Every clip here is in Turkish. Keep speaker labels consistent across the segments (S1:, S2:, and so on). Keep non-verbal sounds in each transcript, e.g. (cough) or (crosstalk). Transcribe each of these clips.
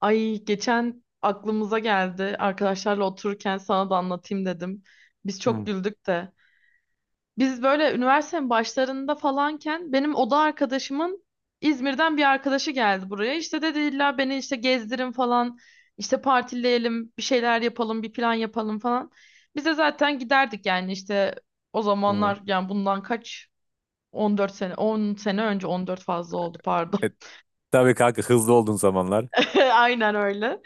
S1: Ay geçen aklımıza geldi. Arkadaşlarla otururken sana da anlatayım dedim. Biz çok
S2: Hı,
S1: güldük de. Biz böyle üniversitenin başlarında falanken benim oda arkadaşımın İzmir'den bir arkadaşı geldi buraya. İşte dedi illa beni işte gezdirin falan. İşte partileyelim, bir şeyler yapalım, bir plan yapalım falan. Biz de zaten giderdik yani işte o
S2: hı.
S1: zamanlar yani bundan kaç 14 sene 10 sene önce, 14 fazla oldu, pardon.
S2: E, tabii kanka, hızlı olduğun zamanlar.
S1: (laughs) Aynen öyle.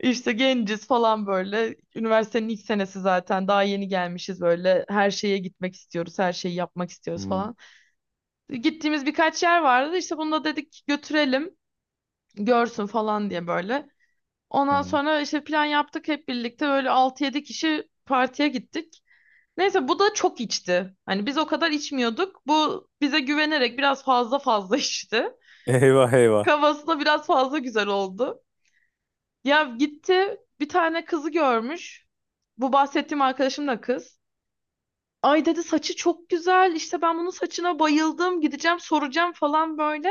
S1: İşte genciz falan böyle. Üniversitenin ilk senesi zaten. Daha yeni gelmişiz böyle. Her şeye gitmek istiyoruz. Her şeyi yapmak istiyoruz
S2: Hı,
S1: falan. Gittiğimiz birkaç yer vardı. İşte bunu da dedik götürelim. Görsün falan diye böyle. Ondan
S2: hı.
S1: sonra işte plan yaptık hep birlikte. Böyle altı 7 kişi partiye gittik. Neyse bu da çok içti. Hani biz o kadar içmiyorduk. Bu bize güvenerek biraz fazla (laughs) içti.
S2: Eyvah eyvah.
S1: Kafasına biraz fazla güzel oldu. Ya gitti bir tane kızı görmüş. Bu bahsettiğim arkadaşım da kız. Ay dedi, saçı çok güzel, işte ben bunun saçına bayıldım, gideceğim soracağım falan böyle.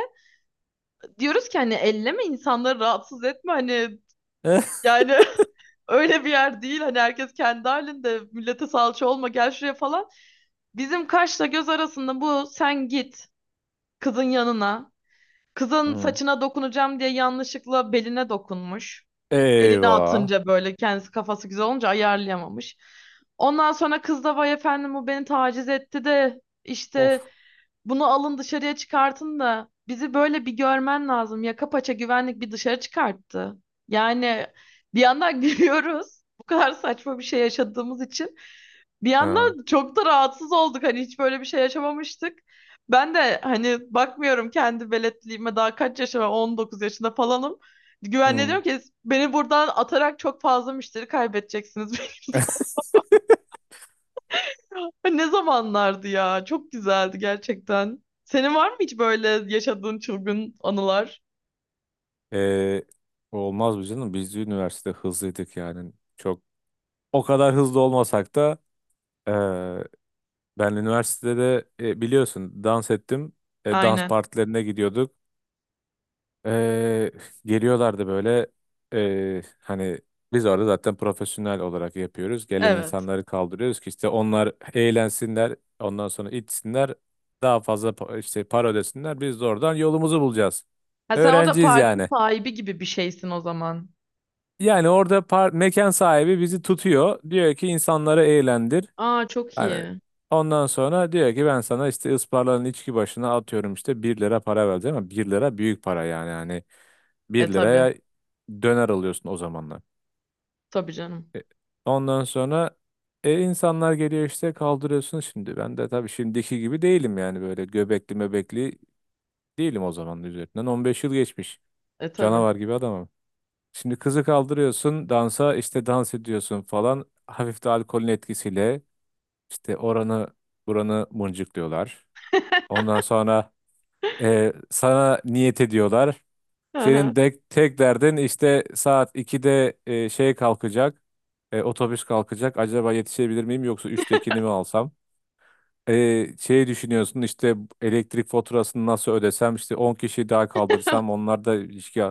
S1: Diyoruz ki hani elleme, insanları rahatsız etme, hani
S2: (laughs)
S1: yani (laughs) öyle bir yer değil, hani herkes kendi halinde, millete salça olma, gel şuraya falan. Bizim kaşla göz arasında bu sen git kızın yanına, kızın
S2: Hı.
S1: saçına dokunacağım diye yanlışlıkla beline dokunmuş. Elini
S2: Eyvah.
S1: atınca böyle kendisi, kafası güzel olunca ayarlayamamış. Ondan sonra kız da vay efendim bu beni taciz etti de işte
S2: Of.
S1: bunu alın dışarıya çıkartın da, bizi böyle bir görmen lazım. Yaka paça güvenlik bir dışarı çıkarttı. Yani bir yandan (laughs) gülüyoruz. Bu kadar saçma bir şey yaşadığımız için. Bir
S2: Ha.
S1: yandan çok da rahatsız olduk. Hani hiç böyle bir şey yaşamamıştık. Ben de hani bakmıyorum kendi veletliğime, daha kaç yaşıma, 19 yaşında falanım. Güvenliğe
S2: Hı.
S1: diyorum ki beni buradan atarak çok fazla müşteri kaybedeceksiniz. (laughs)
S2: (laughs)
S1: Ay, ne zamanlardı ya? Çok güzeldi gerçekten. Senin var mı hiç böyle yaşadığın çılgın anılar?
S2: E, Olmaz mı canım? Biz de üniversite hızlıydık yani. Çok o kadar hızlı olmasak da e, ben üniversitede de, biliyorsun dans ettim. Dans
S1: Aynen.
S2: partilerine gidiyorduk. Eee, Geliyorlardı böyle, hani biz orada zaten profesyonel olarak yapıyoruz. Gelen
S1: Evet.
S2: insanları kaldırıyoruz ki işte onlar eğlensinler, ondan sonra içsinler, daha fazla işte para ödesinler. Biz de oradan yolumuzu bulacağız.
S1: Ha, sen orada
S2: Öğrenciyiz
S1: parti
S2: yani.
S1: sahibi gibi bir şeysin o zaman.
S2: Yani orada mekan sahibi bizi tutuyor. Diyor ki insanları eğlendir.
S1: Aa, çok
S2: Hani
S1: iyi.
S2: ondan sonra diyor ki ben sana işte ısparların içki başına atıyorum, işte 1 lira para vereceğim, ama 1 lira büyük para yani. Hani
S1: E,
S2: 1
S1: tabii.
S2: liraya döner alıyorsun o zamanlar.
S1: Tabii canım.
S2: E, Ondan sonra insanlar geliyor işte, kaldırıyorsun şimdi. Ben de tabii şimdiki gibi değilim yani, böyle göbekli mebekli değilim. O zamanın üzerinden 15 yıl geçmiş.
S1: E, tabii.
S2: Canavar gibi adamım. Şimdi kızı kaldırıyorsun dansa, işte dans ediyorsun falan. Hafif de alkolün etkisiyle işte oranı buranı mıncıklıyorlar.
S1: (laughs)
S2: Ondan sonra sana niyet ediyorlar.
S1: Hı hı.
S2: Senin de tek derdin, işte saat 2'de kalkacak. Otobüs kalkacak. Acaba yetişebilir miyim, yoksa 3'tekini mi alsam? Düşünüyorsun işte, elektrik faturasını nasıl ödesem, işte 10 kişi daha kaldırsam onlar da ilişki.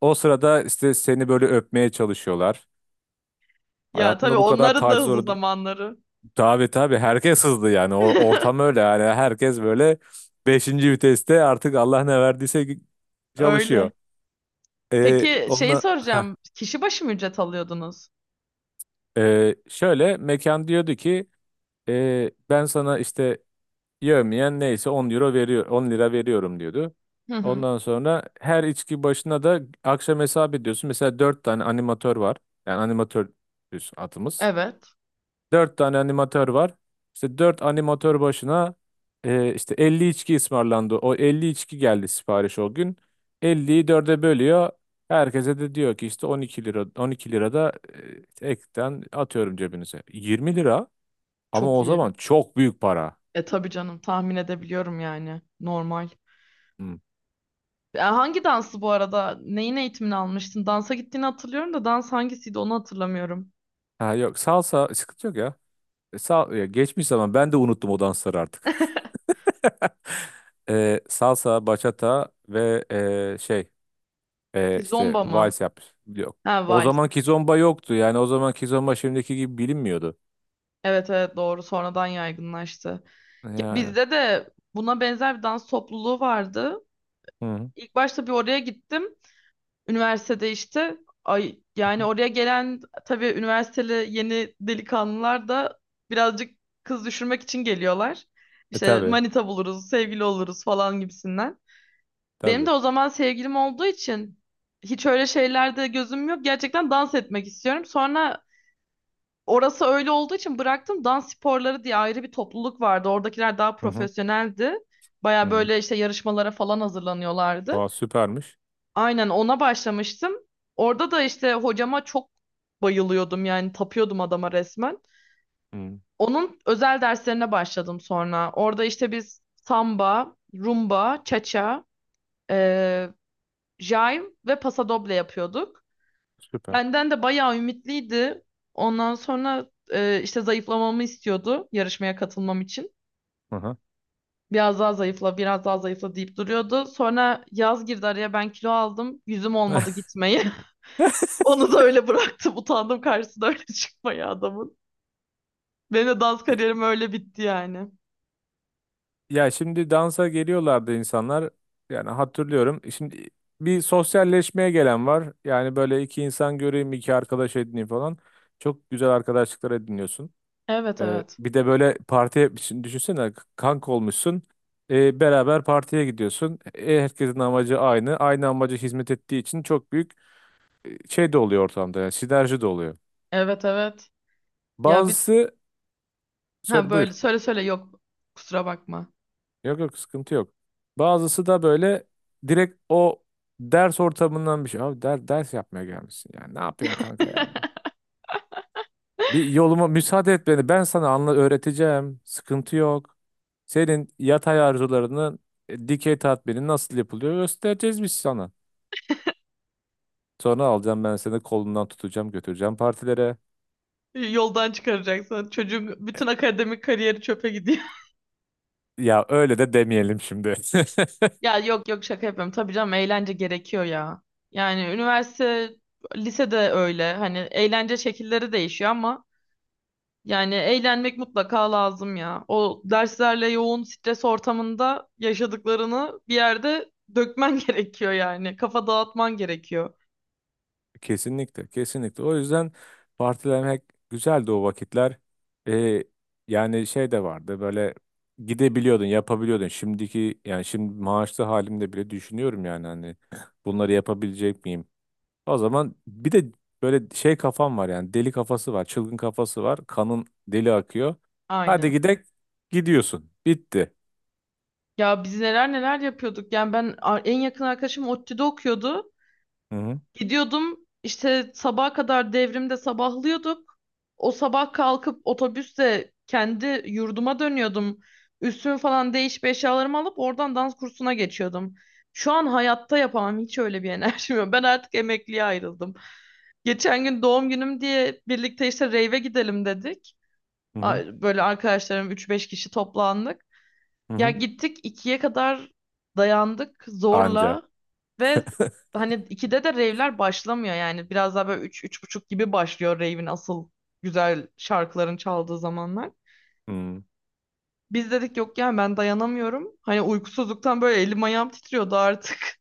S2: O sırada işte seni böyle öpmeye çalışıyorlar.
S1: Ya tabii,
S2: Hayatımda bu kadar
S1: onların da
S2: tacize
S1: hızlı
S2: uğradım.
S1: zamanları.
S2: Tabii tabii, herkes hızlı yani. Ortam
S1: (laughs)
S2: öyle yani, herkes böyle beşinci viteste, artık Allah ne verdiyse
S1: Öyle.
S2: çalışıyor.
S1: Peki şeyi
S2: Onunla,
S1: soracağım. Kişi başı mı ücret alıyordunuz?
S2: şöyle mekan diyordu ki ben sana işte yevmiyen neyse 10 euro veriyor, 10 lira veriyorum diyordu.
S1: Hı hı.
S2: Ondan sonra her içki başına da akşam hesap ediyorsun. Mesela 4 tane animatör var. Yani animatör düz atımız.
S1: Evet.
S2: Dört tane animatör var. İşte dört animatör başına işte 50 içki ısmarlandı. O 50 içki geldi sipariş o gün. 50'yi dörde bölüyor. Herkese de diyor ki işte 12 lira, 12 lira da ekten atıyorum cebinize. 20 lira, ama
S1: Çok
S2: o
S1: iyi.
S2: zaman çok büyük para.
S1: E, tabii canım, tahmin edebiliyorum yani. Normal.
S2: Hı.
S1: Hangi dansı bu arada? Neyin eğitimini almıştın? Dansa gittiğini hatırlıyorum da dans hangisiydi onu hatırlamıyorum.
S2: Ha yok, salsa, sıkıntı yok ya. Ya, geçmiş zaman, ben de unuttum o dansları artık. (laughs)
S1: (laughs)
S2: Salsa, bachata ve e, şey işte
S1: Zomba mı?
S2: vals yapmış. Yok.
S1: Ha,
S2: O
S1: vals.
S2: zaman kizomba yoktu. Yani o zaman kizomba şimdiki gibi bilinmiyordu.
S1: Evet evet, doğru, sonradan yaygınlaştı. Ya
S2: Yani.
S1: bizde de buna benzer bir dans topluluğu vardı.
S2: Hı hı.
S1: İlk başta bir oraya gittim. Üniversitede işte, ay yani
S2: Hı.
S1: oraya gelen tabii üniversiteli yeni delikanlılar da birazcık kız düşürmek için geliyorlar. İşte
S2: Tabii.
S1: manita buluruz, sevgili oluruz falan gibisinden. Benim de
S2: Tabii.
S1: o zaman sevgilim olduğu için hiç öyle şeylerde gözüm yok. Gerçekten dans etmek istiyorum. Sonra orası öyle olduğu için bıraktım. Dans sporları diye ayrı bir topluluk vardı. Oradakiler daha
S2: Hı hı.
S1: profesyoneldi.
S2: Hı
S1: Baya
S2: hı.
S1: böyle işte yarışmalara falan hazırlanıyorlardı.
S2: Aa, süpermiş.
S1: Aynen, ona başlamıştım. Orada da işte hocama çok bayılıyordum yani, tapıyordum adama resmen.
S2: Hı.
S1: Onun özel derslerine başladım sonra. Orada işte biz samba, rumba, cha-cha, jive ve pasadoble yapıyorduk.
S2: Süper.
S1: Benden de bayağı ümitliydi. Ondan sonra işte zayıflamamı istiyordu yarışmaya katılmam için.
S2: Hı hı.
S1: Biraz daha zayıfla, biraz daha zayıfla deyip duruyordu. Sonra yaz girdi araya, ben kilo aldım. Yüzüm olmadı
S2: (laughs)
S1: gitmeyi. (laughs) Onu da öyle bıraktım. Utandım karşısına öyle (laughs) çıkmaya adamın. Benim de dans kariyerim öyle bitti yani.
S2: Ya, şimdi dansa geliyorlardı insanlar. Yani hatırlıyorum. Şimdi bir sosyalleşmeye gelen var. Yani böyle iki insan göreyim, iki arkadaş edineyim falan. Çok güzel arkadaşlıklar ediniyorsun.
S1: Evet evet.
S2: Bir de böyle partiye düşünsene, kanka olmuşsun. Beraber partiye gidiyorsun. Herkesin amacı aynı. Aynı amaca hizmet ettiği için çok büyük şey de oluyor ortamda. Yani sinerji de oluyor.
S1: Evet evet. Ya bir,
S2: Bazısı,
S1: ha
S2: söyle,
S1: böyle
S2: buyur.
S1: söyle söyle, yok. Kusura bakma.
S2: Yok yok, sıkıntı yok. Bazısı da böyle direkt o ders ortamından bir şey. Abi der, ders yapmaya gelmişsin. Yani ne yapıyorsun kanka ya?
S1: (laughs)
S2: Bir yoluma müsaade et beni. Ben sana anla öğreteceğim, sıkıntı yok. Senin yatay arzularının dikey tatmini nasıl yapılıyor, göstereceğiz biz sana. Sonra alacağım ben seni kolundan, tutacağım götüreceğim partilere.
S1: Yoldan çıkaracaksın. Çocuğun bütün akademik kariyeri çöpe gidiyor.
S2: Ya öyle de demeyelim şimdi. (laughs)
S1: (laughs) Ya yok yok, şaka yapıyorum. Tabii canım, eğlence gerekiyor ya. Yani üniversite, lisede öyle. Hani eğlence şekilleri değişiyor ama yani eğlenmek mutlaka lazım ya. O derslerle yoğun stres ortamında yaşadıklarını bir yerde dökmen (laughs) gerekiyor yani. Kafa dağıtman gerekiyor.
S2: Kesinlikle, kesinlikle. O yüzden partilemek güzeldi o vakitler. Ee, Yani şey de vardı, böyle gidebiliyordun, yapabiliyordun. Şimdiki yani şimdi, maaşlı halimde bile düşünüyorum yani, hani bunları yapabilecek miyim? O zaman bir de böyle şey kafam var yani, deli kafası var, çılgın kafası var. Kanın deli akıyor. Hadi
S1: Aynen.
S2: gidek, gidiyorsun. Bitti.
S1: Ya biz neler neler yapıyorduk. Yani ben en yakın arkadaşım ODTÜ'de okuyordu.
S2: Hı hı
S1: Gidiyordum işte, sabaha kadar devrimde sabahlıyorduk. O sabah kalkıp otobüsle kendi yurduma dönüyordum. Üstümü falan değişip eşyalarımı alıp oradan dans kursuna geçiyordum. Şu an hayatta yapamam, hiç öyle bir enerjim yok. Ben artık emekliye ayrıldım. Geçen gün doğum günüm diye birlikte işte rave'e gidelim dedik.
S2: hı hı.
S1: Böyle arkadaşlarım üç beş kişi toplandık.
S2: Hı
S1: Ya
S2: hı.
S1: gittik ikiye kadar dayandık
S2: Anca.
S1: zorla ve hani ikide de rave'ler başlamıyor yani biraz daha böyle üç, üç buçuk gibi başlıyor rave'in asıl güzel şarkıların çaldığı zamanlar.
S2: Hı.
S1: Biz dedik yok yani, ben dayanamıyorum. Hani uykusuzluktan böyle elim ayağım titriyordu artık. (laughs)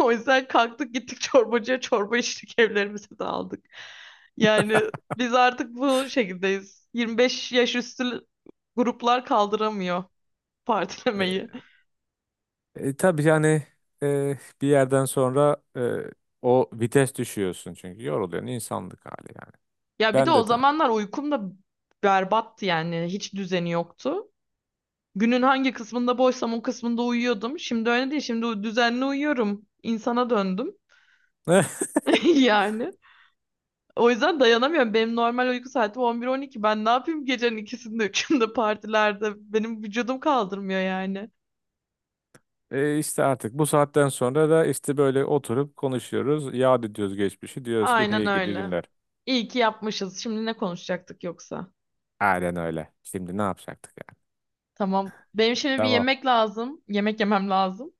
S1: O yüzden kalktık gittik çorbacıya çorba içtik, evlerimize de aldık. Yani biz artık bu şekildeyiz. 25 yaş üstü gruplar kaldıramıyor
S2: E,
S1: partilemeyi.
S2: tabii yani, bir yerden sonra o vites düşüyorsun çünkü yoruluyorsun, insanlık hali yani.
S1: Ya bir de
S2: Ben
S1: o
S2: de
S1: zamanlar uykum da berbattı yani. Hiç düzeni yoktu. Günün hangi kısmında boşsam o kısmında uyuyordum. Şimdi öyle değil. Şimdi düzenli uyuyorum. İnsana döndüm.
S2: aynı. (laughs)
S1: (laughs) Yani. O yüzden dayanamıyorum. Benim normal uyku saatim 11-12. Ben ne yapayım gecenin ikisinde, üçünde partilerde? Benim vücudum kaldırmıyor yani.
S2: İşte artık bu saatten sonra da işte böyle oturup konuşuyoruz. Yad ediyoruz geçmişi. Diyoruz ki,
S1: Aynen
S2: hey gidi
S1: öyle.
S2: günler.
S1: İyi ki yapmışız. Şimdi ne konuşacaktık yoksa?
S2: Aynen öyle. Şimdi ne yapacaktık yani?
S1: Tamam. Benim şimdi bir
S2: Devam.
S1: yemek lazım. Yemek yemem lazım.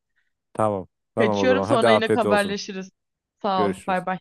S2: Tamam. Tamam o
S1: Kaçıyorum,
S2: zaman. Hadi
S1: sonra yine
S2: afiyet olsun.
S1: haberleşiriz. Sağ ol. Bay
S2: Görüşürüz.
S1: bay.